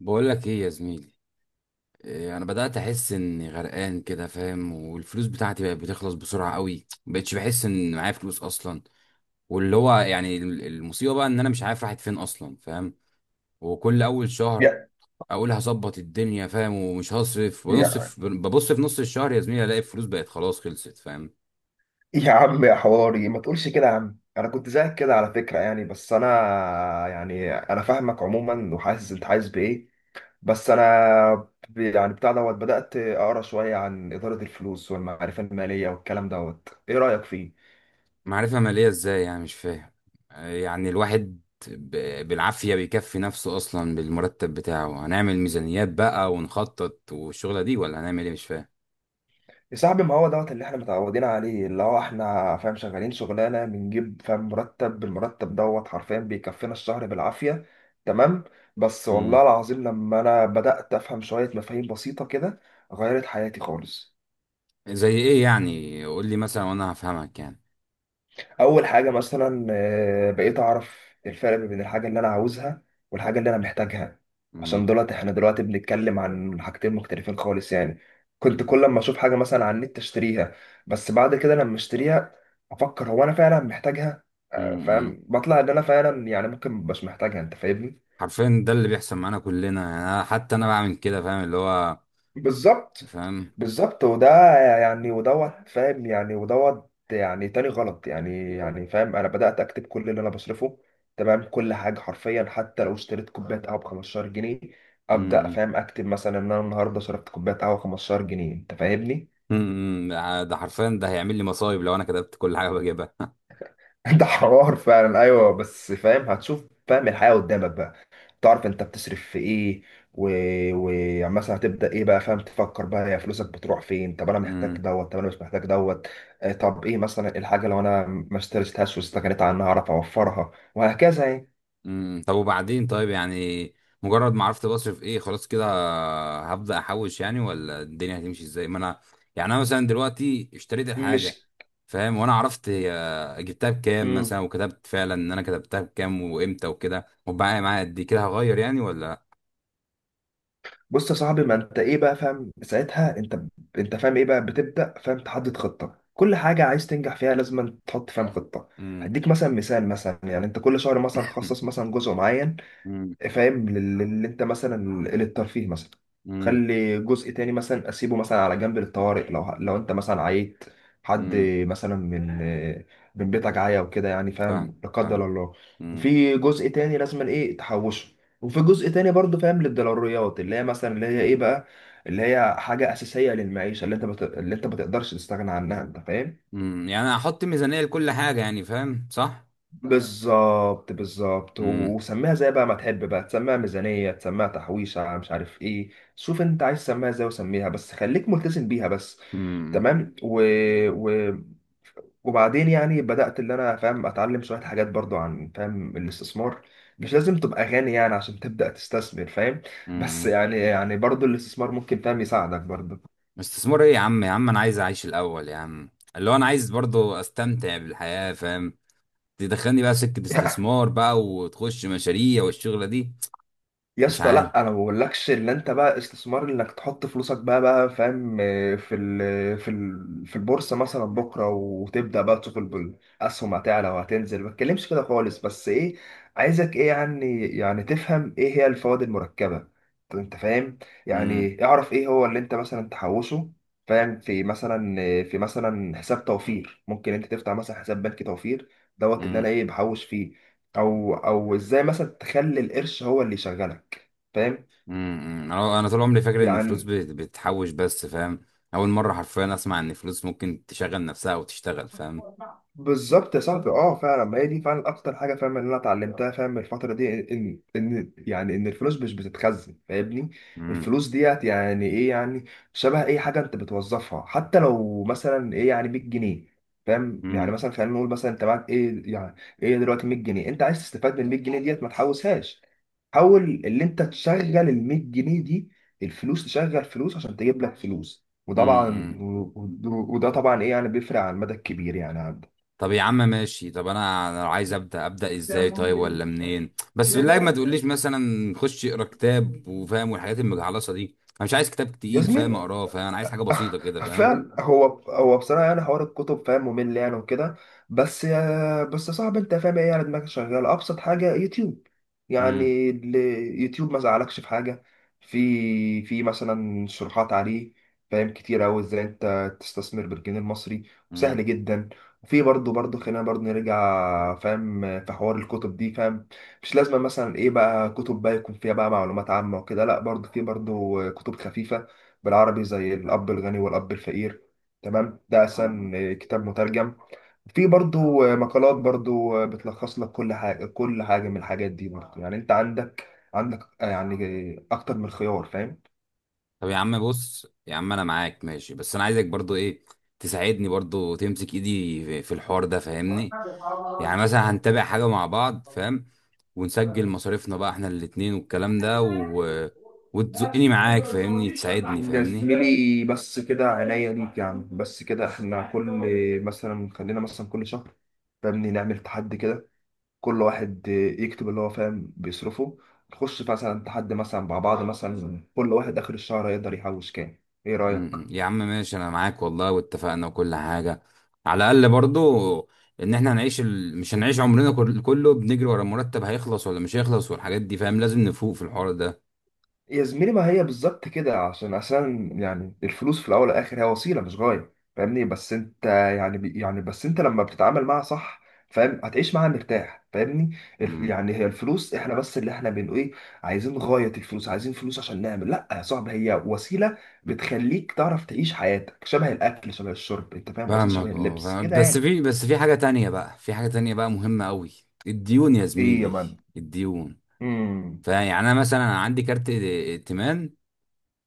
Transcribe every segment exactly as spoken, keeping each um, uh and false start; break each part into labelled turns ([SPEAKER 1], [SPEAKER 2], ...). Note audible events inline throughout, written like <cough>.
[SPEAKER 1] بقول لك ايه يا زميلي. إيه انا بدات احس اني غرقان كده، فاهم؟ والفلوس بتاعتي بقت بتخلص بسرعه قوي. مبقتش بحس ان معايا فلوس اصلا. واللي هو يعني ال- المصيبه بقى ان انا مش عارف راحت فين اصلا، فاهم؟ وكل اول شهر
[SPEAKER 2] يا
[SPEAKER 1] اقول هظبط الدنيا، فاهم، ومش هصرف
[SPEAKER 2] يا
[SPEAKER 1] ونصف. ببص في نص الشهر يا زميلي الاقي الفلوس بقت خلاص، خلصت، فاهم؟
[SPEAKER 2] يا عم يا حواري، ما تقولش كده يا عم. انا كنت زيك كده على فكره يعني، بس انا يعني انا فاهمك عموما، وحاسس انت عايز بايه. بس انا ب- يعني بتاع دوت، بدات اقرا شويه عن اداره الفلوس والمعرفه الماليه والكلام دوت. ايه رايك فيه؟
[SPEAKER 1] معرفة مالية ازاي يعني؟ مش فاهم. آه، يعني الواحد ب- بالعافية بيكفي نفسه أصلا بالمرتب بتاعه. هنعمل ميزانيات بقى ونخطط والشغلة دي؟ ولا هنعمل ايه؟ مش فاهم.
[SPEAKER 2] يا صاحبي، ما هو دوت اللي احنا متعودين عليه، اللي هو احنا فاهم شغالين شغلانه بنجيب فاهم مرتب، بالمرتب دوت حرفيا بيكفينا الشهر بالعافيه. تمام. بس
[SPEAKER 1] مم.
[SPEAKER 2] والله العظيم لما انا بدأت افهم شويه مفاهيم بسيطه كده، غيرت حياتي خالص.
[SPEAKER 1] زي ايه يعني؟ قول لي مثلا وانا هفهمك يعني.
[SPEAKER 2] اول حاجه مثلا آه، بقيت اعرف الفرق ما بين الحاجه اللي انا عاوزها والحاجه اللي انا محتاجها. عشان
[SPEAKER 1] مم.
[SPEAKER 2] دلوقتي احنا دلوقتي بنتكلم عن حاجتين مختلفين خالص يعني. كنت
[SPEAKER 1] مم.
[SPEAKER 2] كل ما اشوف حاجه مثلا على النت اشتريها، بس بعد كده لما اشتريها افكر هو انا فعلا محتاجها، آه،
[SPEAKER 1] مم.
[SPEAKER 2] فاهم، بطلع ان انا فعلا يعني ممكن مش محتاجها، انت فاهمني؟
[SPEAKER 1] حرفيا ده اللي بيحصل معانا كلنا، يعني أنا حتى انا بعمل كده، فاهم اللي هو؟
[SPEAKER 2] بالظبط
[SPEAKER 1] فاهم.
[SPEAKER 2] بالظبط، وده يعني ودوت فاهم، يعني ودوت يعني تاني غلط يعني، يعني فاهم، انا بدأت اكتب كل اللي انا بصرفه. تمام، كل حاجة حرفيا، حتى لو اشتريت كوباية قهوة ب خمسة عشر جنيه، ابدأ
[SPEAKER 1] مم.
[SPEAKER 2] فاهم اكتب مثلا ان انا النهارده صرفت كوباية قهوة خمسة عشر جنيه، انت فاهمني؟
[SPEAKER 1] مم. مم. ده حرفيا ده هيعمل لي مصايب لو انا كتبت كل حاجة بجيبها.
[SPEAKER 2] <laughs> ده حوار فعلا، ايوه بس فاهم هتشوف فاهم الحياة قدامك بقى. تعرف انت بتصرف في ايه. ومثلا و... و- يعني مثلا هتبدا ايه بقى، فاهم تفكر بقى يا فلوسك بتروح فين. طب انا محتاج
[SPEAKER 1] <laughs>
[SPEAKER 2] دوت، طب انا مش محتاج دوت. آه، طب ايه مثلا الحاجه، لو انا ما اشتريتهاش واستغنيت عنها اعرف اوفرها، وهكذا يعني.
[SPEAKER 1] امم طب وبعدين، طيب يعني، مجرد ما عرفت بصرف ايه، خلاص كده هبدأ احوش يعني؟ ولا الدنيا هتمشي ازاي؟ ما انا يعني انا مثلا دلوقتي اشتريت
[SPEAKER 2] مش
[SPEAKER 1] الحاجة، فاهم، وانا عرفت هي جبتها بكام مثلا،
[SPEAKER 2] امم
[SPEAKER 1] وكتبت فعلا ان انا كتبتها بكام وامتى وكده، وبقى معايا قد إيه، كده هغير يعني ولا؟
[SPEAKER 2] بص يا صاحبي، ما انت ايه بقى فاهم ساعتها، انت انت فاهم ايه بقى، بتبدا فاهم تحدد خطه. كل حاجه عايز تنجح فيها لازم تحط فاهم خطه.
[SPEAKER 1] امم.
[SPEAKER 2] هديك مثلا مثال، مثلا يعني انت كل شهر مثلا خصص مثلا جزء معين
[SPEAKER 1] امم.
[SPEAKER 2] فاهم لل- اللي انت مثلا للترفيه مثلا.
[SPEAKER 1] امم.
[SPEAKER 2] خلي جزء تاني مثلا اسيبه مثلا على جنب للطوارئ، لو لو انت مثلا عيت، حد
[SPEAKER 1] امم.
[SPEAKER 2] مثلا من من بيتك عيا وكده يعني
[SPEAKER 1] فاهم.
[SPEAKER 2] فاهم لا قدر
[SPEAKER 1] فاهم.
[SPEAKER 2] الله.
[SPEAKER 1] امم.
[SPEAKER 2] في جزء تاني لازم ايه تحوشه، وفي جزء تاني برضه فاهم للضروريات اللي هي مثلا اللي هي ايه بقى، اللي هي حاجة أساسية للمعيشة، اللي انت بت... اللي انت ما تقدرش تستغنى عنها، انت فاهم.
[SPEAKER 1] امم. يعني هحط ميزانية لكل حاجة يعني، فاهم؟ صح؟
[SPEAKER 2] بالظبط بالظبط،
[SPEAKER 1] امم.
[SPEAKER 2] و- وسميها زي بقى ما تحب بقى، تسميها ميزانية، تسميها تحويشة، مش عارف ايه. شوف انت عايز تسميها ازاي وسميها، بس خليك ملتزم بيها بس. تمام، و... و... وبعدين يعني بدأت اللي انا فاهم اتعلم شوية حاجات برضو عن فاهم الاستثمار. مش لازم تبقى غني يعني عشان تبدأ تستثمر فاهم. بس
[SPEAKER 1] امم.
[SPEAKER 2] يعني يعني برضو الاستثمار ممكن فاهم يساعدك برضو.
[SPEAKER 1] استثمار ايه يا عم؟ يا عم انا عايز اعيش الاول يا عم. اللي هو انا عايز برضو استمتع بالحياة، فاهم؟ تدخلني بقى سكة
[SPEAKER 2] <laughs>
[SPEAKER 1] استثمار بقى، وتخش مشاريع والشغلة دي؟
[SPEAKER 2] يا
[SPEAKER 1] مش
[SPEAKER 2] اسطى،
[SPEAKER 1] عارف.
[SPEAKER 2] لا انا ما بقولكش ان انت بقى استثمار انك تحط فلوسك بقى بقى فاهم آه، في ال في ال في البورصه مثلا بكره، وتبدا بقى تشوف ال- الاسهم هتعلى وهتنزل. ما بتكلمش كده خالص، بس ايه، عايزك ايه يعني يعني تفهم ايه هي الفوائد المركبه. طب انت فاهم
[SPEAKER 1] امم.
[SPEAKER 2] يعني، اعرف ايه هو اللي انت مثلا تحوشه فاهم. في مثلا آه، في مثلا حساب توفير، ممكن انت تفتح مثلا حساب بنكي توفير دوت اللي
[SPEAKER 1] امم.
[SPEAKER 2] انا ايه بحوش فيه. او او ازاي مثلا تخلي القرش هو اللي يشغلك فاهم
[SPEAKER 1] امم انا انا طول عمري فاكر ان الفلوس
[SPEAKER 2] يعني.
[SPEAKER 1] بت- بتحوش بس، فاهم؟ اول مرة حرفيا اسمع ان الفلوس ممكن تشغل نفسها وتشتغل، فاهم؟
[SPEAKER 2] بالظبط يا صاحبي، اه فعلا، ما هي دي فعلا اكتر حاجه فاهم اللي انا اتعلمتها فاهم من الفتره دي، ان ان يعني ان الفلوس مش بتتخزن فاهمني.
[SPEAKER 1] امم.
[SPEAKER 2] الفلوس ديت يعني ايه يعني، شبه اي حاجه انت بتوظفها. حتى لو مثلا ايه يعني ميت جنيه، فاهم يعني مثلا خلينا نقول مثلا انت معاك ايه يعني، ايه دلوقتي ميت جنيه، انت عايز تستفاد من ال ميت جنيه ديت ما تحوشهاش. حاول اللي انت تشغل ال ميت جنيه دي. الفلوس تشغل فلوس عشان تجيب لك فلوس. وطبعا
[SPEAKER 1] امم
[SPEAKER 2] و- و- وده طبعا ايه يعني بيفرق على المدى الكبير يعني عندك.
[SPEAKER 1] طب يا عم ماشي. طب انا انا عايز ابدا ابدا ازاي طيب؟ ولا منين؟ بس بالله ما تقوليش مثلا خش اقرا كتاب وفاهم والحاجات المجعلصه دي. انا مش عايز كتاب
[SPEAKER 2] يا
[SPEAKER 1] تقيل فاهم
[SPEAKER 2] زميلي،
[SPEAKER 1] اقراه، فاهم؟ انا عايز حاجه بسيطه
[SPEAKER 2] <laughs>
[SPEAKER 1] كده، فاهم؟
[SPEAKER 2] فعلا، هو هو بصراحه يعني حوار الكتب فاهم ممل يعني وكده. بس يا بس يا صاحبي، انت فاهم ايه يعني دماغك شغاله. ابسط حاجه يوتيوب
[SPEAKER 1] امم.
[SPEAKER 2] يعني ال- يوتيوب، ما زعلكش في حاجه. في في مثلا شروحات عليه فاهم كتير قوي ازاي انت تستثمر بالجنيه المصري،
[SPEAKER 1] امم.
[SPEAKER 2] وسهل جدا. وفي برضه برضه خلينا برضه نرجع فاهم في حوار الكتب دي فاهم. مش لازم مثلا ايه بقى كتب بقى يكون فيها بقى معلومات عامه وكده، لا برضه في برضه كتب خفيفه بالعربي، زي الأب الغني والأب الفقير. تمام، ده أحسن آه، كتاب مترجم. في برضو آه، مقالات برضو آه، بتلخص لك كل حاجة، كل حاجة من الحاجات دي برضو يعني. أنت عندك عندك آه، يعني آه، أكتر من خيار فاهم.
[SPEAKER 1] طب يا عم، بص يا عم، انا معاك ماشي، بس انا عايزك برضو ايه، تساعدني برضو. تمسك ايدي في في الحوار ده فاهمني؟ يعني مثلا هنتابع حاجه مع بعض، فاهم، ونسجل مصاريفنا بقى احنا الاتنين والكلام ده، و... وتزقني معاك فاهمني، تساعدني
[SPEAKER 2] يا
[SPEAKER 1] فاهمني؟
[SPEAKER 2] زميلي، بس كده عينيا ليك يعني. بس كده احنا كل، مثلا خلينا مثلا كل شهر فاهمني نعمل تحدي كده. كل واحد يكتب اللي هو فاهم بيصرفه. نخش مثلا تحدي مثلا مع بعض، مثلا كل واحد آخر الشهر هيقدر يحوش كام، ايه
[SPEAKER 1] م-
[SPEAKER 2] رأيك؟
[SPEAKER 1] م. يا عم ماشي، انا معاك والله، واتفقنا وكل حاجه. على الاقل برضو ان احنا هنعيش ال... مش هنعيش عمرنا كل- كله بنجري ورا المرتب هيخلص ولا مش هيخلص والحاجات دي، فاهم، لازم نفوق في الحوار ده.
[SPEAKER 2] يا زميلي، ما هي بالظبط كده. عشان عشان يعني الفلوس في الاول والاخر هي وسيله، مش غايه، فاهمني. بس انت يعني بي- يعني بس انت لما بتتعامل معاها صح فاهم هتعيش معاها مرتاح فاهمني. الف-
[SPEAKER 1] امم.
[SPEAKER 2] يعني هي الفلوس، احنا بس اللي احنا بنقول ايه، عايزين غايه الفلوس. عايزين فلوس عشان نعمل، لا يا صاحبي، هي وسيله بتخليك تعرف تعيش حياتك، شبه الاكل شبه الشرب، انت فاهم قصدي، شبه
[SPEAKER 1] فاهمك، اه،
[SPEAKER 2] اللبس
[SPEAKER 1] فاهم.
[SPEAKER 2] كده
[SPEAKER 1] بس
[SPEAKER 2] يعني.
[SPEAKER 1] في بس في حاجه تانية بقى، في حاجه تانية بقى مهمه قوي. الديون يا
[SPEAKER 2] ايه يا
[SPEAKER 1] زميلي.
[SPEAKER 2] مان؟
[SPEAKER 1] الديون.
[SPEAKER 2] امم.
[SPEAKER 1] فيعني انا مثلا عندي كارت ائتمان،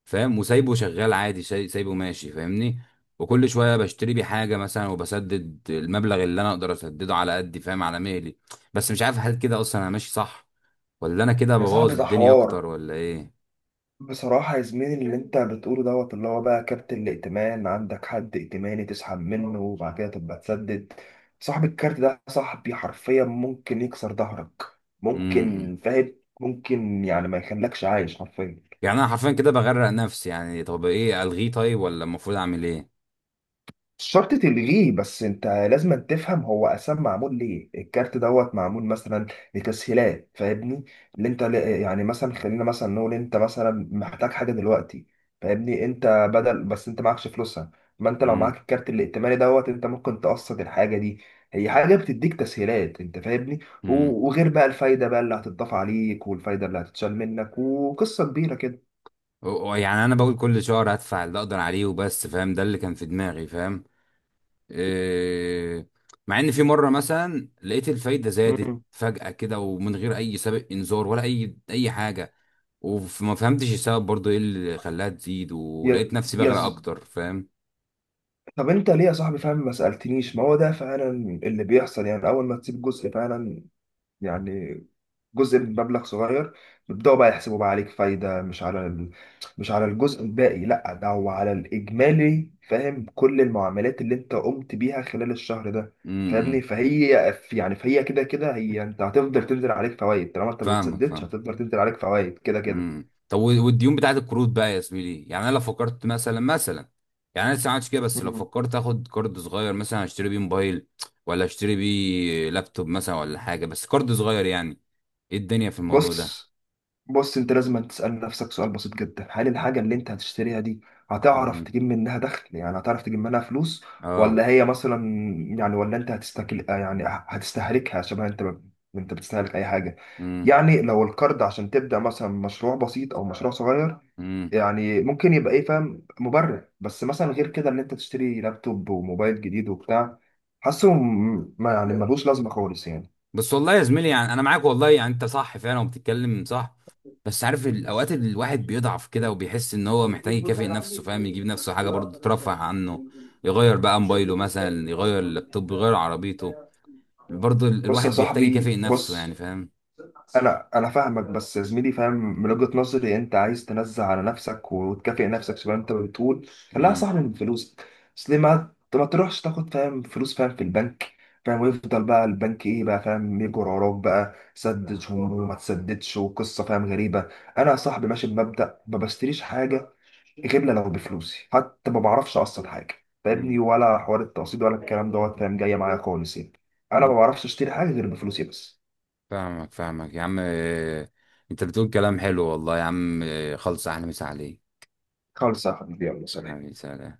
[SPEAKER 1] فاهم، وسايبه شغال عادي، ساي- سايبه ماشي فاهمني. وكل شويه بشتري بيه حاجه مثلا، وبسدد المبلغ اللي انا اقدر اسدده على قدي، فاهم، على مهلي. بس مش عارف هل كده اصلا انا ماشي صح، ولا انا كده
[SPEAKER 2] يا صاحبي،
[SPEAKER 1] ببوظ
[SPEAKER 2] ده
[SPEAKER 1] الدنيا
[SPEAKER 2] حوار.
[SPEAKER 1] اكتر، ولا ايه؟
[SPEAKER 2] بصراحة يا زميلي، اللي انت بتقوله دوت، اللي هو بقى كارت الائتمان، عندك حد ائتماني تسحب منه، وبعد كده تبقى تسدد. صاحب الكارت ده صاحبي حرفيا ممكن يكسر ظهرك.
[SPEAKER 1] امم. إمم.
[SPEAKER 2] ممكن فاهم، ممكن يعني ما يخلكش عايش حرفيا.
[SPEAKER 1] يعني انا حرفيا كده بغرق نفسي يعني. طب ايه؟ الغيه طيب؟ ولا المفروض اعمل ايه؟
[SPEAKER 2] مش شرط تلغيه، بس انت لازم تفهم هو اساسا معمول ليه. الكارت دوت معمول مثلا لتسهيلات فاهمني. اللي انت ل- يعني مثلا خلينا مثلا نقول انت مثلا محتاج حاجه دلوقتي فاهمني. انت بدل بس انت معكش فلوسها، ما انت لو
[SPEAKER 1] امم.
[SPEAKER 2] معاك الكارت الائتماني دوت انت ممكن تقسط الحاجه دي. هي حاجه بتديك تسهيلات، انت فاهمني.
[SPEAKER 1] امم.
[SPEAKER 2] و- وغير بقى الفايده بقى اللي هتضاف عليك والفايده اللي هتتشال منك، وقصه كبيره كده.
[SPEAKER 1] يعني انا بقول كل شهر هدفع اللي اقدر عليه وبس، فاهم، ده اللي كان في دماغي، فاهم؟ إيه، مع ان في مره مثلا لقيت الفايده زادت
[SPEAKER 2] مم.
[SPEAKER 1] فجاه كده، ومن غير اي سابق انذار ولا اي اي حاجه. وما فهمتش السبب برضو ايه اللي خلاها تزيد،
[SPEAKER 2] يا،
[SPEAKER 1] ولقيت نفسي بغرق اكتر، فاهم؟
[SPEAKER 2] طب انت ليه يا صاحبي فاهم ما سألتنيش؟ ما هو ده فعلا اللي بيحصل يعني. اول ما تسيب جزء فعلا يعني، جزء من مبلغ صغير، بيبدأوا بقى يحسبوا بقى عليك فايدة، مش على ال... مش على الجزء الباقي، لا ده هو على الإجمالي فاهم، كل المعاملات اللي انت قمت بيها خلال الشهر ده فاهمني.
[SPEAKER 1] امم
[SPEAKER 2] فهي يعني فهي كده كده، هي انت هتفضل تنزل عليك فوائد، طالما انت ما
[SPEAKER 1] فاهمك،
[SPEAKER 2] بتسددش
[SPEAKER 1] فاهم.
[SPEAKER 2] هتفضل تنزل عليك فوائد كده كده.
[SPEAKER 1] امم طب و- والديون بتاعت القروض بقى يا زميلي. يعني انا لو فكرت مثلا مثلا، يعني انا لسه ما عملتش كده، بس لو
[SPEAKER 2] مم.
[SPEAKER 1] فكرت اخد كارد صغير مثلا اشتري بيه موبايل، ولا اشتري بيه لابتوب مثلا، ولا حاجه، بس كارد صغير يعني. ايه الدنيا في الموضوع ده؟
[SPEAKER 2] بص بص، انت لازم تسأل نفسك سؤال بسيط جدا: هل الحاجة اللي انت هتشتريها دي هتعرف
[SPEAKER 1] امم.
[SPEAKER 2] تجيب منها دخل، يعني هتعرف تجيب منها فلوس،
[SPEAKER 1] اه.
[SPEAKER 2] ولا هي مثلا يعني، ولا انت هتستكل آه يعني هتستهلكها شبه انت ما، انت بتستهلك اي حاجة
[SPEAKER 1] امم.
[SPEAKER 2] يعني. لو القرض عشان تبدأ مثلا مشروع بسيط او مشروع صغير
[SPEAKER 1] امم.
[SPEAKER 2] يعني، ممكن يبقى ايه فاهم مبرر. بس مثلا غير كده ان انت تشتري لابتوب وموبايل جديد وبتاع، حاسه م- ما يعني ملوش لازمة خالص يعني.
[SPEAKER 1] بس والله يا زميلي، يعني انا معاك والله، يعني انت صح فعلا وبتتكلم صح. بس عارف الاوقات اللي الواحد بيضعف كده، وبيحس ان هو محتاج يكافئ نفسه، فاهم، يجيب نفسه حاجه برضه ترفه عنه. يغير بقى موبايله مثلا، يغير اللابتوب، يغير عربيته. برضه ال-
[SPEAKER 2] بص يا
[SPEAKER 1] الواحد بيحتاج
[SPEAKER 2] صاحبي
[SPEAKER 1] يكافئ نفسه
[SPEAKER 2] بص،
[SPEAKER 1] يعني، فاهم؟
[SPEAKER 2] انا انا فاهمك. بس يا زميلي فاهم، من وجهة نظري انت عايز تنزع على نفسك وتكافئ نفسك زي ما انت بتقول، خليها
[SPEAKER 1] امم.
[SPEAKER 2] صح من فلوسك. بس ليه ما ما تروحش تاخد فاهم فلوس فاهم في البنك فاهم، ويفضل بقى البنك ايه بقى فاهم يجر وراك بقى، سدد وما تسددش، وقصه فاهم غريبه. انا يا صاحبي ماشي بمبدأ: ما بشتريش حاجه غير لو بفلوسي. حتى ما بعرفش اقسط حاجه فاهمني،
[SPEAKER 1] امم.
[SPEAKER 2] ولا حوار التقسيط ولا الكلام دوت فاهم جايه معايا خالص يعني. انا ما بعرفش اشتري حاجه غير بفلوسي بس.
[SPEAKER 1] فاهمك، فاهمك يا عم، إيه، انت بتقول كلام حلو والله يا عم، إيه، خلص احلى، مسا عليك.
[SPEAKER 2] خالص يا حبيبي، يلا سلام.
[SPEAKER 1] حبيبي، سلام.